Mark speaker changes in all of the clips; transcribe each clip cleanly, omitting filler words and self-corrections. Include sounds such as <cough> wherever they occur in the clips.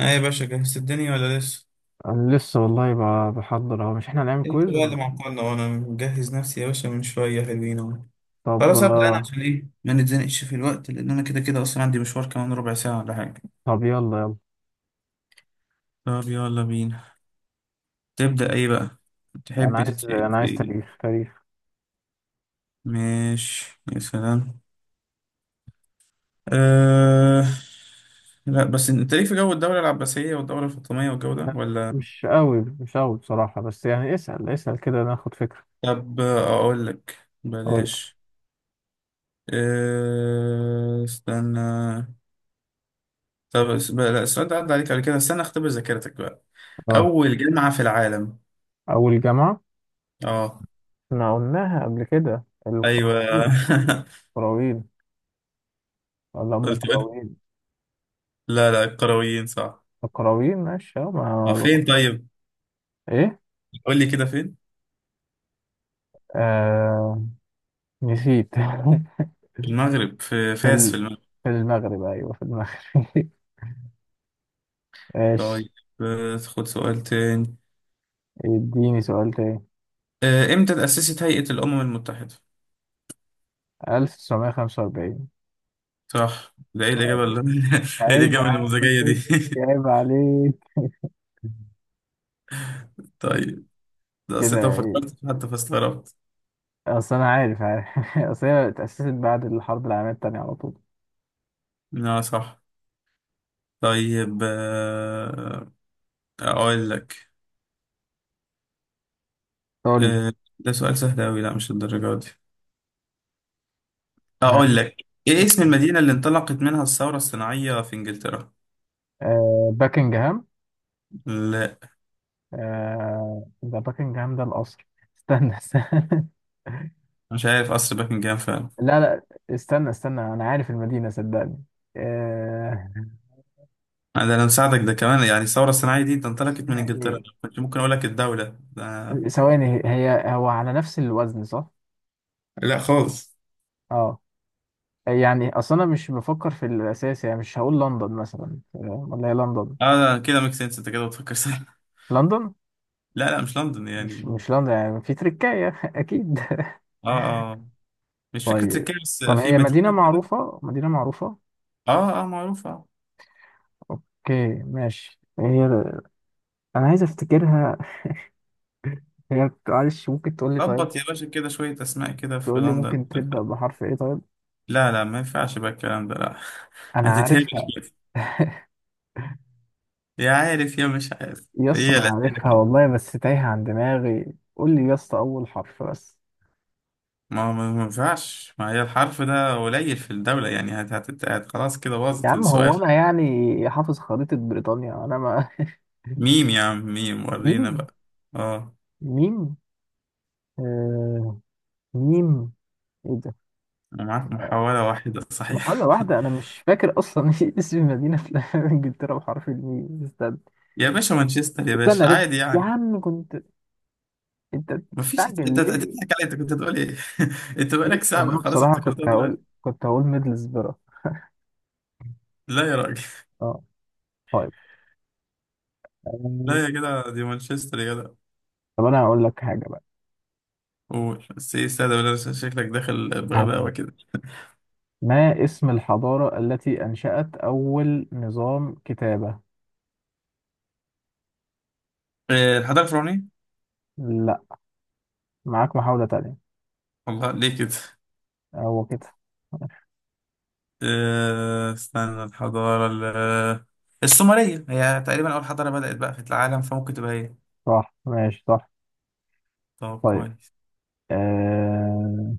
Speaker 1: اه يا باشا، جهزت الدنيا ولا لسه؟
Speaker 2: انا لسه والله، بحضر اهو، مش احنا هنعمل
Speaker 1: انت
Speaker 2: كويز؟
Speaker 1: بقى اللي إيه؟ معطلنا وانا مجهز نفسي يا باشا من شوية، حلوين اهو.
Speaker 2: طب.
Speaker 1: خلاص ابدأ انا عشان ايه ما نتزنقش في الوقت، لان انا كده كده اصلا عندي مشوار كمان ربع ساعة ولا حاجة.
Speaker 2: طب يلا يلا.
Speaker 1: طب يلا بينا. تبدأ ايه بقى؟
Speaker 2: انا
Speaker 1: تحب
Speaker 2: عايز
Speaker 1: تتسأل
Speaker 2: انا
Speaker 1: في
Speaker 2: عايز
Speaker 1: ايه؟
Speaker 2: تاريخ.
Speaker 1: ماشي يا سلام. أه... لا بس انت ليك في جو الدولة العباسية والدولة الفاطمية والجو ده ولا؟
Speaker 2: مش قوي مش قوي بصراحة، بس يعني اسأل اسأل كده ناخد فكرة.
Speaker 1: طب اقول لك.
Speaker 2: اول
Speaker 1: بلاش. استنى. لا، السؤال ده عدى عليك قبل كده، استنى اختبر ذاكرتك بقى.
Speaker 2: اه
Speaker 1: أول جامعة في العالم.
Speaker 2: اول جامعة.
Speaker 1: اه.
Speaker 2: احنا قلناها قبل كده،
Speaker 1: أيوه.
Speaker 2: القرويين.
Speaker 1: <laughs>
Speaker 2: قرويين ولا ام
Speaker 1: قلت قلت-
Speaker 2: القرويين؟
Speaker 1: لا لا، القرويين صح.
Speaker 2: القرويين ماشي. اه
Speaker 1: اه،
Speaker 2: ما
Speaker 1: فين طيب؟
Speaker 2: ايه؟
Speaker 1: قول لي كده، فين؟
Speaker 2: آه... نسيت. <laughs>
Speaker 1: في المغرب، في
Speaker 2: في
Speaker 1: فاس،
Speaker 2: ال...
Speaker 1: في المغرب.
Speaker 2: في المغرب، ايوه في المغرب. <laughs> ماشي.
Speaker 1: طيب، خد سؤال تاني.
Speaker 2: اديني سؤال تاني.
Speaker 1: امتى تأسست هيئة الأمم المتحدة؟
Speaker 2: 1945.
Speaker 1: صح، ده ايه الإجابة
Speaker 2: طيب.
Speaker 1: اللي <laughs> ايه
Speaker 2: عيب
Speaker 1: الإجابة
Speaker 2: عليك.
Speaker 1: النموذجية دي؟
Speaker 2: عيب عليك. <laughs>
Speaker 1: <laughs> طيب، ده أصل أنت ما
Speaker 2: كده ايه؟
Speaker 1: فكرتش حتى فاستغربت.
Speaker 2: اصل انا عارف عارف. <laughs> اصل هي اتأسست بعد الحرب العالمية التانية على طول.
Speaker 1: اه صح. طيب، أقول لك.
Speaker 2: قول لي.
Speaker 1: آه، ده سؤال سهل أوي، لا مش الدرجة دي.
Speaker 2: ها،
Speaker 1: أقول لك إيه اسم
Speaker 2: اسمع.
Speaker 1: المدينة اللي انطلقت منها الثورة الصناعية في إنجلترا؟
Speaker 2: باكنجهام.
Speaker 1: لا
Speaker 2: ده باكنجهام، ده القصر. استنى استنى. <laughs>
Speaker 1: مش عارف، قصر باكنجهام فعلا.
Speaker 2: لا لا. استنى استنى، انا عارف المدينة صدقني. آه.
Speaker 1: ده أنا مساعدك ده كمان، يعني الثورة الصناعية دي ده انطلقت من
Speaker 2: اسمها
Speaker 1: إنجلترا،
Speaker 2: ايه؟
Speaker 1: أنا كنت ممكن أقول لك الدولة ده.
Speaker 2: ثواني، هو على نفس الوزن صح؟
Speaker 1: لا خالص.
Speaker 2: اه. يعني اصلا انا مش بفكر في الاساس، يعني مش هقول لندن مثلا، فاهم؟ ولا هي لندن؟
Speaker 1: آه ده كده ميك سنس، أنت كده بتفكر صح. <laughs>
Speaker 2: لندن.
Speaker 1: لا لا، مش لندن
Speaker 2: مش
Speaker 1: يعني.
Speaker 2: مش لندن يعني، في تركاية <laughs> اكيد.
Speaker 1: آه آه مش فكرة
Speaker 2: طيب.
Speaker 1: تركيا، بس
Speaker 2: طب
Speaker 1: في
Speaker 2: هي مدينة
Speaker 1: مدينة كده.
Speaker 2: معروفة، مدينة معروفة.
Speaker 1: معروفة.
Speaker 2: اوكي ماشي، هي. انا عايز افتكرها. هي معلش، ممكن تقول لي طيب؟
Speaker 1: خبط يا باشا كده شوية أسماء كده في
Speaker 2: تقول لي
Speaker 1: لندن.
Speaker 2: ممكن تبدأ بحرف ايه طيب؟
Speaker 1: لا لا، ما ينفعش بقى الكلام ده، لا. <laughs>
Speaker 2: انا
Speaker 1: هتتهبل.
Speaker 2: عارفها.
Speaker 1: يا عارف يا مش عارف،
Speaker 2: يس،
Speaker 1: هي
Speaker 2: انا
Speaker 1: الأسئلة
Speaker 2: عارفها
Speaker 1: كده.
Speaker 2: والله، بس تايهة عن دماغي، قول لي يس اول حرف بس.
Speaker 1: ما هو ما ينفعش، ما هي الحرف ده قليل في الدولة يعني، هت هت هت خلاص كده
Speaker 2: يا
Speaker 1: باظت
Speaker 2: عم هو
Speaker 1: السؤال.
Speaker 2: انا يعني حافظ خريطة بريطانيا؟ انا ما
Speaker 1: ميم يا عم، ميم،
Speaker 2: <laughs>
Speaker 1: ورينا
Speaker 2: ميم.
Speaker 1: بقى. اه.
Speaker 2: ميم. آه ميم. ايه ده؟
Speaker 1: انا معاك محاولة واحدة
Speaker 2: محاولة
Speaker 1: صحيح.
Speaker 2: واحدة، انا مش فاكر اصلا. <laughs> اسم المدينة في <laughs> انجلترا بحرف الميم، استنى.
Speaker 1: <laughs> يا باشا مانشستر يا
Speaker 2: استنى،
Speaker 1: باشا،
Speaker 2: عرفت.
Speaker 1: عادي
Speaker 2: يا
Speaker 1: يعني.
Speaker 2: عم كنت، انت
Speaker 1: ما فيش، انت
Speaker 2: بتستعجل
Speaker 1: أنت
Speaker 2: ليه؟
Speaker 1: تضحك علي، انت كنت هتقول ايه؟ <laughs> انت
Speaker 2: ليه؟
Speaker 1: بقالك ساعة بقى،
Speaker 2: وانا
Speaker 1: خلاص
Speaker 2: بصراحة
Speaker 1: افتكرتها
Speaker 2: كنت هقول
Speaker 1: دلوقتي.
Speaker 2: كنت هقول ميدلسبرا.
Speaker 1: لا يا راجل.
Speaker 2: اه. طيب.
Speaker 1: <laughs>
Speaker 2: آه،
Speaker 1: لا يا جدع، دي مانشستر يا جدع.
Speaker 2: طب انا هقول لك حاجة بقى.
Speaker 1: قول بس، ايه استاذ؟ شكلك داخل بغباوة كده.
Speaker 2: ما اسم الحضارة التي انشأت اول نظام كتابة؟
Speaker 1: إيه، الحضارة الفرعونية.
Speaker 2: معاك محاولة تانية.
Speaker 1: والله ليه كده؟
Speaker 2: هو كده.
Speaker 1: استنى، السومرية هي تقريبا أول حضارة بدأت بقى في العالم، فممكن تبقى هي.
Speaker 2: صح ماشي صح.
Speaker 1: طب
Speaker 2: طيب.
Speaker 1: كويس.
Speaker 2: آه...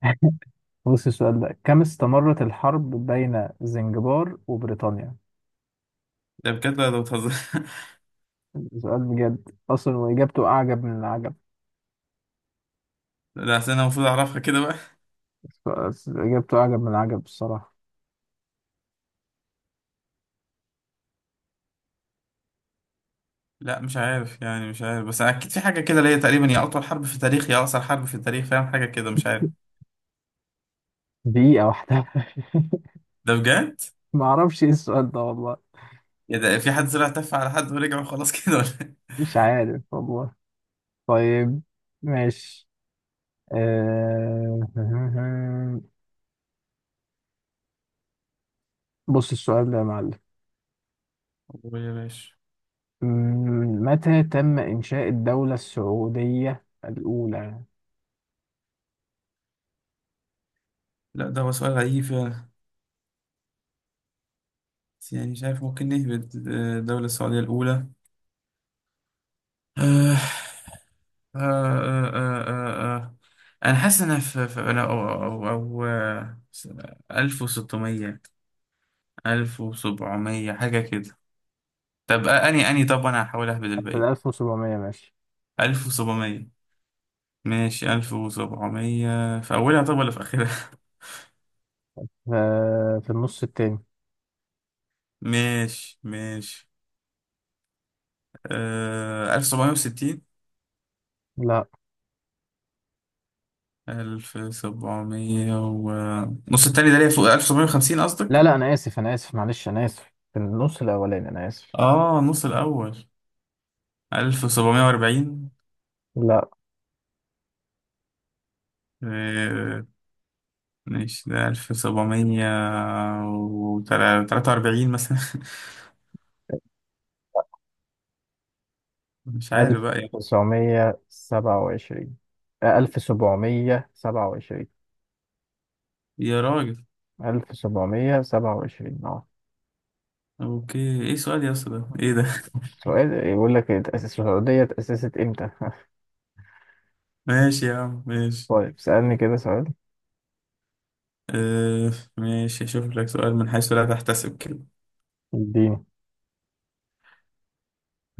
Speaker 2: <laughs> بص السؤال ده، كم استمرت الحرب بين زنجبار وبريطانيا؟
Speaker 1: ده بجد ولا ده بتهزر؟ <laughs>
Speaker 2: سؤال بجد أصلا وإجابته أعجب من العجب.
Speaker 1: لا أصل أنا المفروض أعرفها كده بقى.
Speaker 2: إجابته أعجب من العجب الصراحة.
Speaker 1: لا مش عارف يعني، مش عارف، بس أكيد في حاجة كده اللي هي تقريبا يا أطول حرب في التاريخ يا أقصر حرب في التاريخ، فاهم حاجة كده، مش عارف.
Speaker 2: دقيقة واحدة.
Speaker 1: ده بجد؟
Speaker 2: <laughs> معرفش إيه السؤال ده والله.
Speaker 1: يا ده في حد طلع تف على حد ورجع وخلاص <laughs> كده ولا إيه؟
Speaker 2: مش عارف والله. طيب. ماشي. آه... <laughs> بص السؤال ده يا معلم.
Speaker 1: والله يا باشا،
Speaker 2: متى تم إنشاء الدولة السعودية الأولى؟
Speaker 1: لا ده هو سؤال غريب فعلا، بس يعني مش عارف ممكن نهبط. الدولة السعودية الأولى. آه آه آه آه آه. أنا حاسس إن أنا أنا أو أو أو 1600، 1700 حاجة كده. طب أني أني طب أنا هحاول أهبد
Speaker 2: في
Speaker 1: الباقي.
Speaker 2: 1700 ماشي.
Speaker 1: 1700، ماشي، 1700 في أولها طب ولا في آخرها؟
Speaker 2: ف- في النص التاني.
Speaker 1: <laughs> ماشي ماشي. آه، 1760.
Speaker 2: لا
Speaker 1: ألف سبعمية و نص التاني ده ليه؟ فوق 1750 50
Speaker 2: لا
Speaker 1: قصدك؟
Speaker 2: لا، أنا آسف أنا آسف معلش أنا آسف، في النص الأولاني أنا آسف.
Speaker 1: آه، نص الأول. 1740.
Speaker 2: لا.
Speaker 1: آه، ماشي، ده 1743 43 مثلا. <laughs> مش عارف بقى يا
Speaker 2: 1927. 1727.
Speaker 1: يا راجل.
Speaker 2: 1727 اه.
Speaker 1: أوكي، إيه سؤال يا اسطى؟ ده إيه ده؟
Speaker 2: سؤال يقول لك اتأسس السعودية اتأسست إمتى؟ <laughs>
Speaker 1: <laughs> ماشي يا عم ماشي.
Speaker 2: طيب سألني كده سؤال.
Speaker 1: آه ماشي، أشوف لك سؤال من حيث لا تحتسب كده.
Speaker 2: اديني.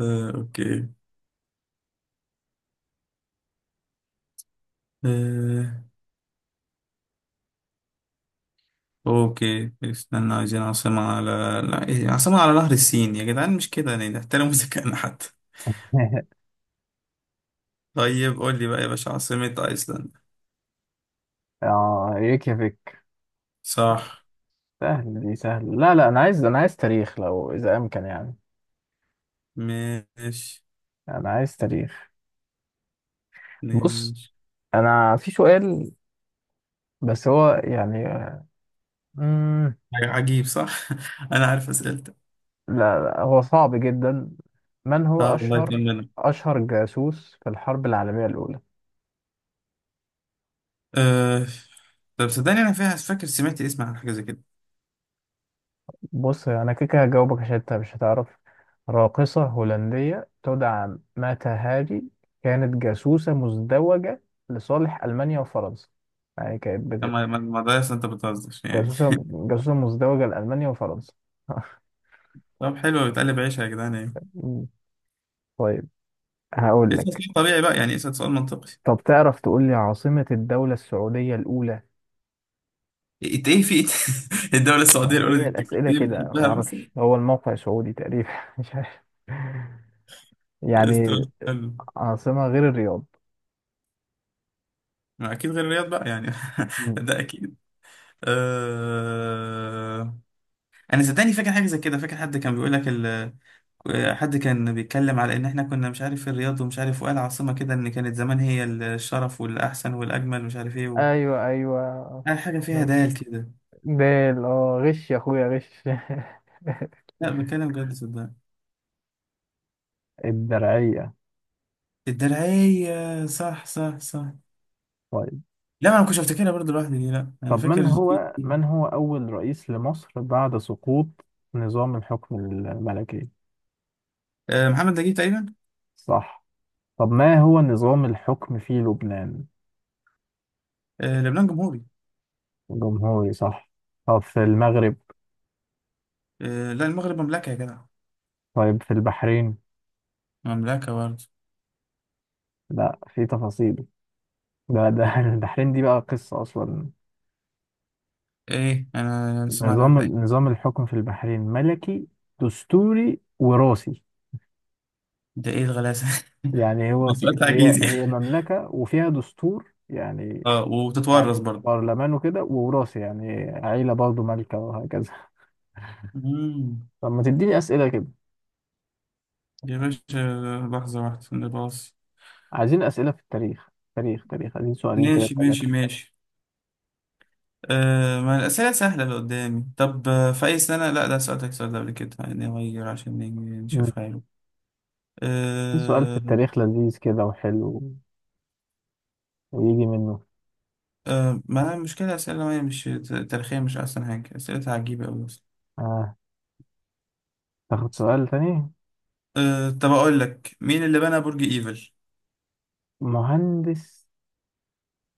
Speaker 1: آه أوكي. آه أوكي، استنى، عايزين عاصمة على، لا إيه عاصمة على نهر السين يا جدعان، مش كده يعني، نحترم <laughs> ذكائنا حتى.
Speaker 2: <laughs>
Speaker 1: طيب قول لي بقى يا باشا، عاصمة أيسلندا.
Speaker 2: اه ريكيافيك.
Speaker 1: صح.
Speaker 2: سهلة دي سهلة، لا لا، أنا عايز تاريخ لو إذا أمكن يعني.
Speaker 1: ماشي
Speaker 2: أنا عايز تاريخ. بص،
Speaker 1: ماشي.
Speaker 2: أنا في سؤال بس هو يعني مم...
Speaker 1: عجيب صح، <laughs> انا عارف اسئلتك.
Speaker 2: لا، لا هو صعب جدا. من هو
Speaker 1: اه والله
Speaker 2: أشهر
Speaker 1: تمام.
Speaker 2: أشهر جاسوس في الحرب العالمية الأولى؟
Speaker 1: أه... طب صدقني انا فيها، فاكر سمعت اسم عن حاجه زي كده.
Speaker 2: بص أنا كده كده هجاوبك عشان أنت مش هتعرف. راقصة هولندية تدعى ماتا هاري، كانت جاسوسة مزدوجة لصالح ألمانيا وفرنسا. يعني كانت
Speaker 1: اما ما ما ما ده اصلا انت بتهزر يعني.
Speaker 2: جاسوسة مزدوجة لألمانيا وفرنسا. <laughs>
Speaker 1: <laughs> طب حلو، بتقلب عيشها يا جدعان يعني.
Speaker 2: مم. طيب. هقول
Speaker 1: اسال
Speaker 2: لك.
Speaker 1: سؤال طبيعي بقى يعني، اسال سؤال منطقي.
Speaker 2: طب تعرف تقول لي عاصمة الدولة السعودية الأولى؟
Speaker 1: انت ايه في <laughs> الدوله السعوديه الاولى دي،
Speaker 2: وهي
Speaker 1: انت كنت
Speaker 2: الأسئلة
Speaker 1: ايه
Speaker 2: كده،
Speaker 1: بتحبها مثلا؟
Speaker 2: معرفش، هو الموقع سعودي تقريبا <laughs> مش عارف يعني.
Speaker 1: استقلال حلو.
Speaker 2: عاصمة غير الرياض.
Speaker 1: ما اكيد غير الرياض بقى يعني، <laughs>
Speaker 2: مم.
Speaker 1: ده اكيد. أه... انا صدقني فاكر حاجه زي كده، فاكر حد كان بيقول لك، حد كان بيتكلم على ان احنا كنا مش عارف في الرياض ومش عارف، وقال عاصمة كده ان كانت زمان هي الشرف والاحسن والاجمل، مش عارف ايه و
Speaker 2: أيوة أيوة.
Speaker 1: قال حاجة فيها
Speaker 2: مم.
Speaker 1: دال كده.
Speaker 2: دال، غش يا أخويا غش. <laughs>
Speaker 1: لا بتكلم بجد صدقني.
Speaker 2: الدرعية.
Speaker 1: الدرعية، صح صح صح.
Speaker 2: طيب.
Speaker 1: لا، ما انا كنتش افتكرها برضه لوحدي دي، لا انا
Speaker 2: طب
Speaker 1: فاكر
Speaker 2: من هو من هو أول رئيس لمصر بعد سقوط نظام الحكم الملكي؟
Speaker 1: محمد نجيب تقريبا.
Speaker 2: صح. طب ما هو نظام الحكم في لبنان؟
Speaker 1: لبنان جمهوري.
Speaker 2: جمهوري صح. طب في المغرب؟
Speaker 1: لا المغرب مملكة يا جدع.
Speaker 2: طيب في البحرين؟
Speaker 1: مملكة برضه.
Speaker 2: لا في تفاصيل. ده <laughs> البحرين دي بقى قصة أصلا.
Speaker 1: ايه، انا سمعنا
Speaker 2: نظام
Speaker 1: تقريبا.
Speaker 2: نظام الحكم في البحرين ملكي دستوري وراثي.
Speaker 1: ده ايه الغلاسة؟
Speaker 2: يعني
Speaker 1: <laughs>
Speaker 2: هو
Speaker 1: ده سؤال
Speaker 2: في هي
Speaker 1: تعجيزي.
Speaker 2: هي مملكة وفيها دستور يعني.
Speaker 1: اه، وتتورث
Speaker 2: يعني
Speaker 1: برضه.
Speaker 2: برلمان وكده ووراثي، يعني عيلة برضه مالكة وهكذا.
Speaker 1: مم.
Speaker 2: طب ما تديني أسئلة كده.
Speaker 1: يا باشا لحظة واحدة نباص.
Speaker 2: عايزين أسئلة في التاريخ. تاريخ تاريخ، عايزين سؤالين كده،
Speaker 1: ماشي ماشي
Speaker 2: ثلاثة.
Speaker 1: ماشي. آه، ما الأسئلة سهلة اللي قدامي. طب في أي سنة، لا ده سألتك السؤال ده قبل كده يعني، نغير عشان نيجي نشوف حاله.
Speaker 2: في سؤال في
Speaker 1: آه.
Speaker 2: التاريخ لذيذ كده وحلو، ويجي منه.
Speaker 1: آه، ما المشكلة، أسئلة ما هي مش تاريخية؟ مش أحسن حاجة؟ أسئلتها عجيبة أوي أصلا.
Speaker 2: آه. تاخد سؤال تاني.
Speaker 1: آه طب أقول لك مين اللي بنى برج إيفل؟
Speaker 2: مهندس.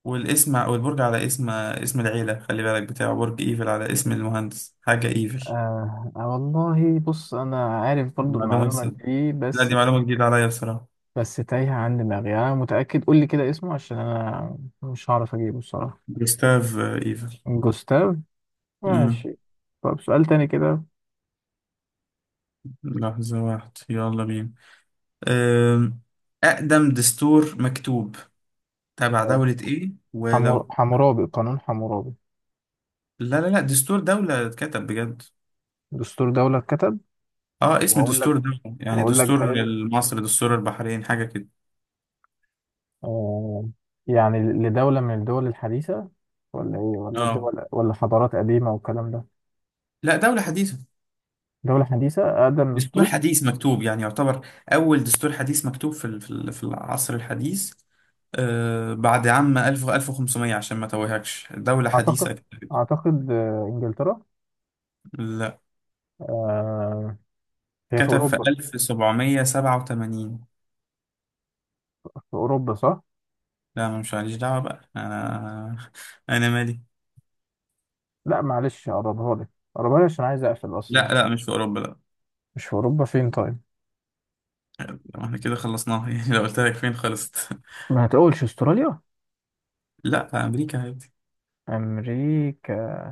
Speaker 1: والبرج على اسم، اسم العيلة، خلي بالك بتاعه، برج إيفل على اسم المهندس، حاجة إيفل.
Speaker 2: آه. والله بص أنا عارف برضو المعلومة
Speaker 1: معلومة؟
Speaker 2: دي،
Speaker 1: لا
Speaker 2: بس
Speaker 1: دي معلومة جديدة عليا بصراحة.
Speaker 2: بس تايهة عن دماغي، أنا متأكد، قول لي كده اسمه عشان أنا مش هعرف أجيبه الصراحة.
Speaker 1: جوستاف إيفل.
Speaker 2: جوستاف.
Speaker 1: آه.
Speaker 2: ماشي. طب سؤال تاني كده.
Speaker 1: لحظة واحدة يلا بينا. آم، أقدم دستور مكتوب تبع دولة إيه ولو؟
Speaker 2: حمورابي، قانون حمورابي.
Speaker 1: لا لا لا، دستور دولة اتكتب بجد.
Speaker 2: دستور دولة اتكتب.
Speaker 1: اه، اسم
Speaker 2: وأقول
Speaker 1: دستور
Speaker 2: لك
Speaker 1: دولة، يعني
Speaker 2: وأقول لك
Speaker 1: دستور
Speaker 2: دولة.
Speaker 1: مصر، دستور البحرين، حاجة كده.
Speaker 2: آه، يعني لدولة من الدول الحديثة، ولا إيه، ولا
Speaker 1: اه،
Speaker 2: دول ولا حضارات قديمة والكلام ده؟
Speaker 1: لا دولة حديثة.
Speaker 2: دولة حديثة، أقدم
Speaker 1: دستور
Speaker 2: دستور.
Speaker 1: حديث مكتوب، يعني يعتبر أول دستور حديث مكتوب في العصر الحديث. آه، بعد عام 1000، 1500، عشان ما توهكش دولة حديثة
Speaker 2: أعتقد،
Speaker 1: كتبت.
Speaker 2: أعتقد إنجلترا.
Speaker 1: لا
Speaker 2: آه، هي في
Speaker 1: كتب في
Speaker 2: أوروبا.
Speaker 1: 1787.
Speaker 2: في أوروبا صح؟
Speaker 1: لا، ما مش ماليش دعوة بقى أنا، أنا مالي.
Speaker 2: لا معلش، أقربها لك. أقربها لك عشان عايز أقفل أصلا.
Speaker 1: لا لا، مش في أوروبا، لا.
Speaker 2: مش في أوروبا، فين طيب؟
Speaker 1: ما احنا كده خلصناها، <laughs> يعني لو قلت لك فين خلصت. <laughs>
Speaker 2: ما هتقولش أستراليا؟
Speaker 1: لا، في أمريكا عادي.
Speaker 2: أمريكا.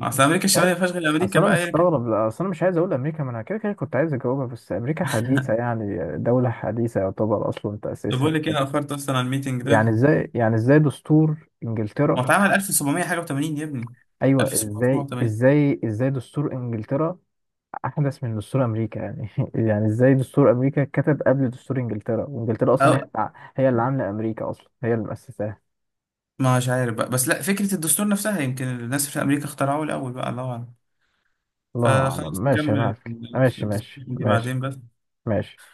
Speaker 1: أصل أمريكا
Speaker 2: عايز-
Speaker 1: الشمالية ما فيهاش غير أمريكا
Speaker 2: اصل انا
Speaker 1: بقى يعني.
Speaker 2: مستغرب، لا، اصل انا مش عايز اقول امريكا، ما انا كده كده كنت عايز اجاوبها بس امريكا حديثه، يعني دوله حديثه يعتبر اصلا
Speaker 1: طب
Speaker 2: تاسيسها.
Speaker 1: بقول لك إيه، أنا أخرت أصلا على الميتنج
Speaker 2: يعني
Speaker 1: ده.
Speaker 2: ازاي، يعني ازاي دستور
Speaker 1: ما
Speaker 2: انجلترا،
Speaker 1: اتعمل 1700 حاجة و80 يا ابني،
Speaker 2: ايوه ازاي
Speaker 1: 1780.
Speaker 2: ازاي ازاي دستور انجلترا احدث من دستور امريكا يعني؟ <laughs> يعني ازاي دستور امريكا اتكتب قبل دستور انجلترا وانجلترا اصلا
Speaker 1: أو
Speaker 2: هي اللي عامله امريكا اصلا، هي اللي مؤسساها.
Speaker 1: ما مش عارف بقى، بس لا فكرة الدستور نفسها يمكن الناس في أمريكا اخترعوه الأول بقى، الله أعلم.
Speaker 2: الله اعلم،
Speaker 1: فخلاص
Speaker 2: ماشي انا
Speaker 1: نكمل.
Speaker 2: معاك، ماشي
Speaker 1: الدستور
Speaker 2: ماشي
Speaker 1: دي
Speaker 2: ماشي
Speaker 1: بعدين بس.
Speaker 2: ماشي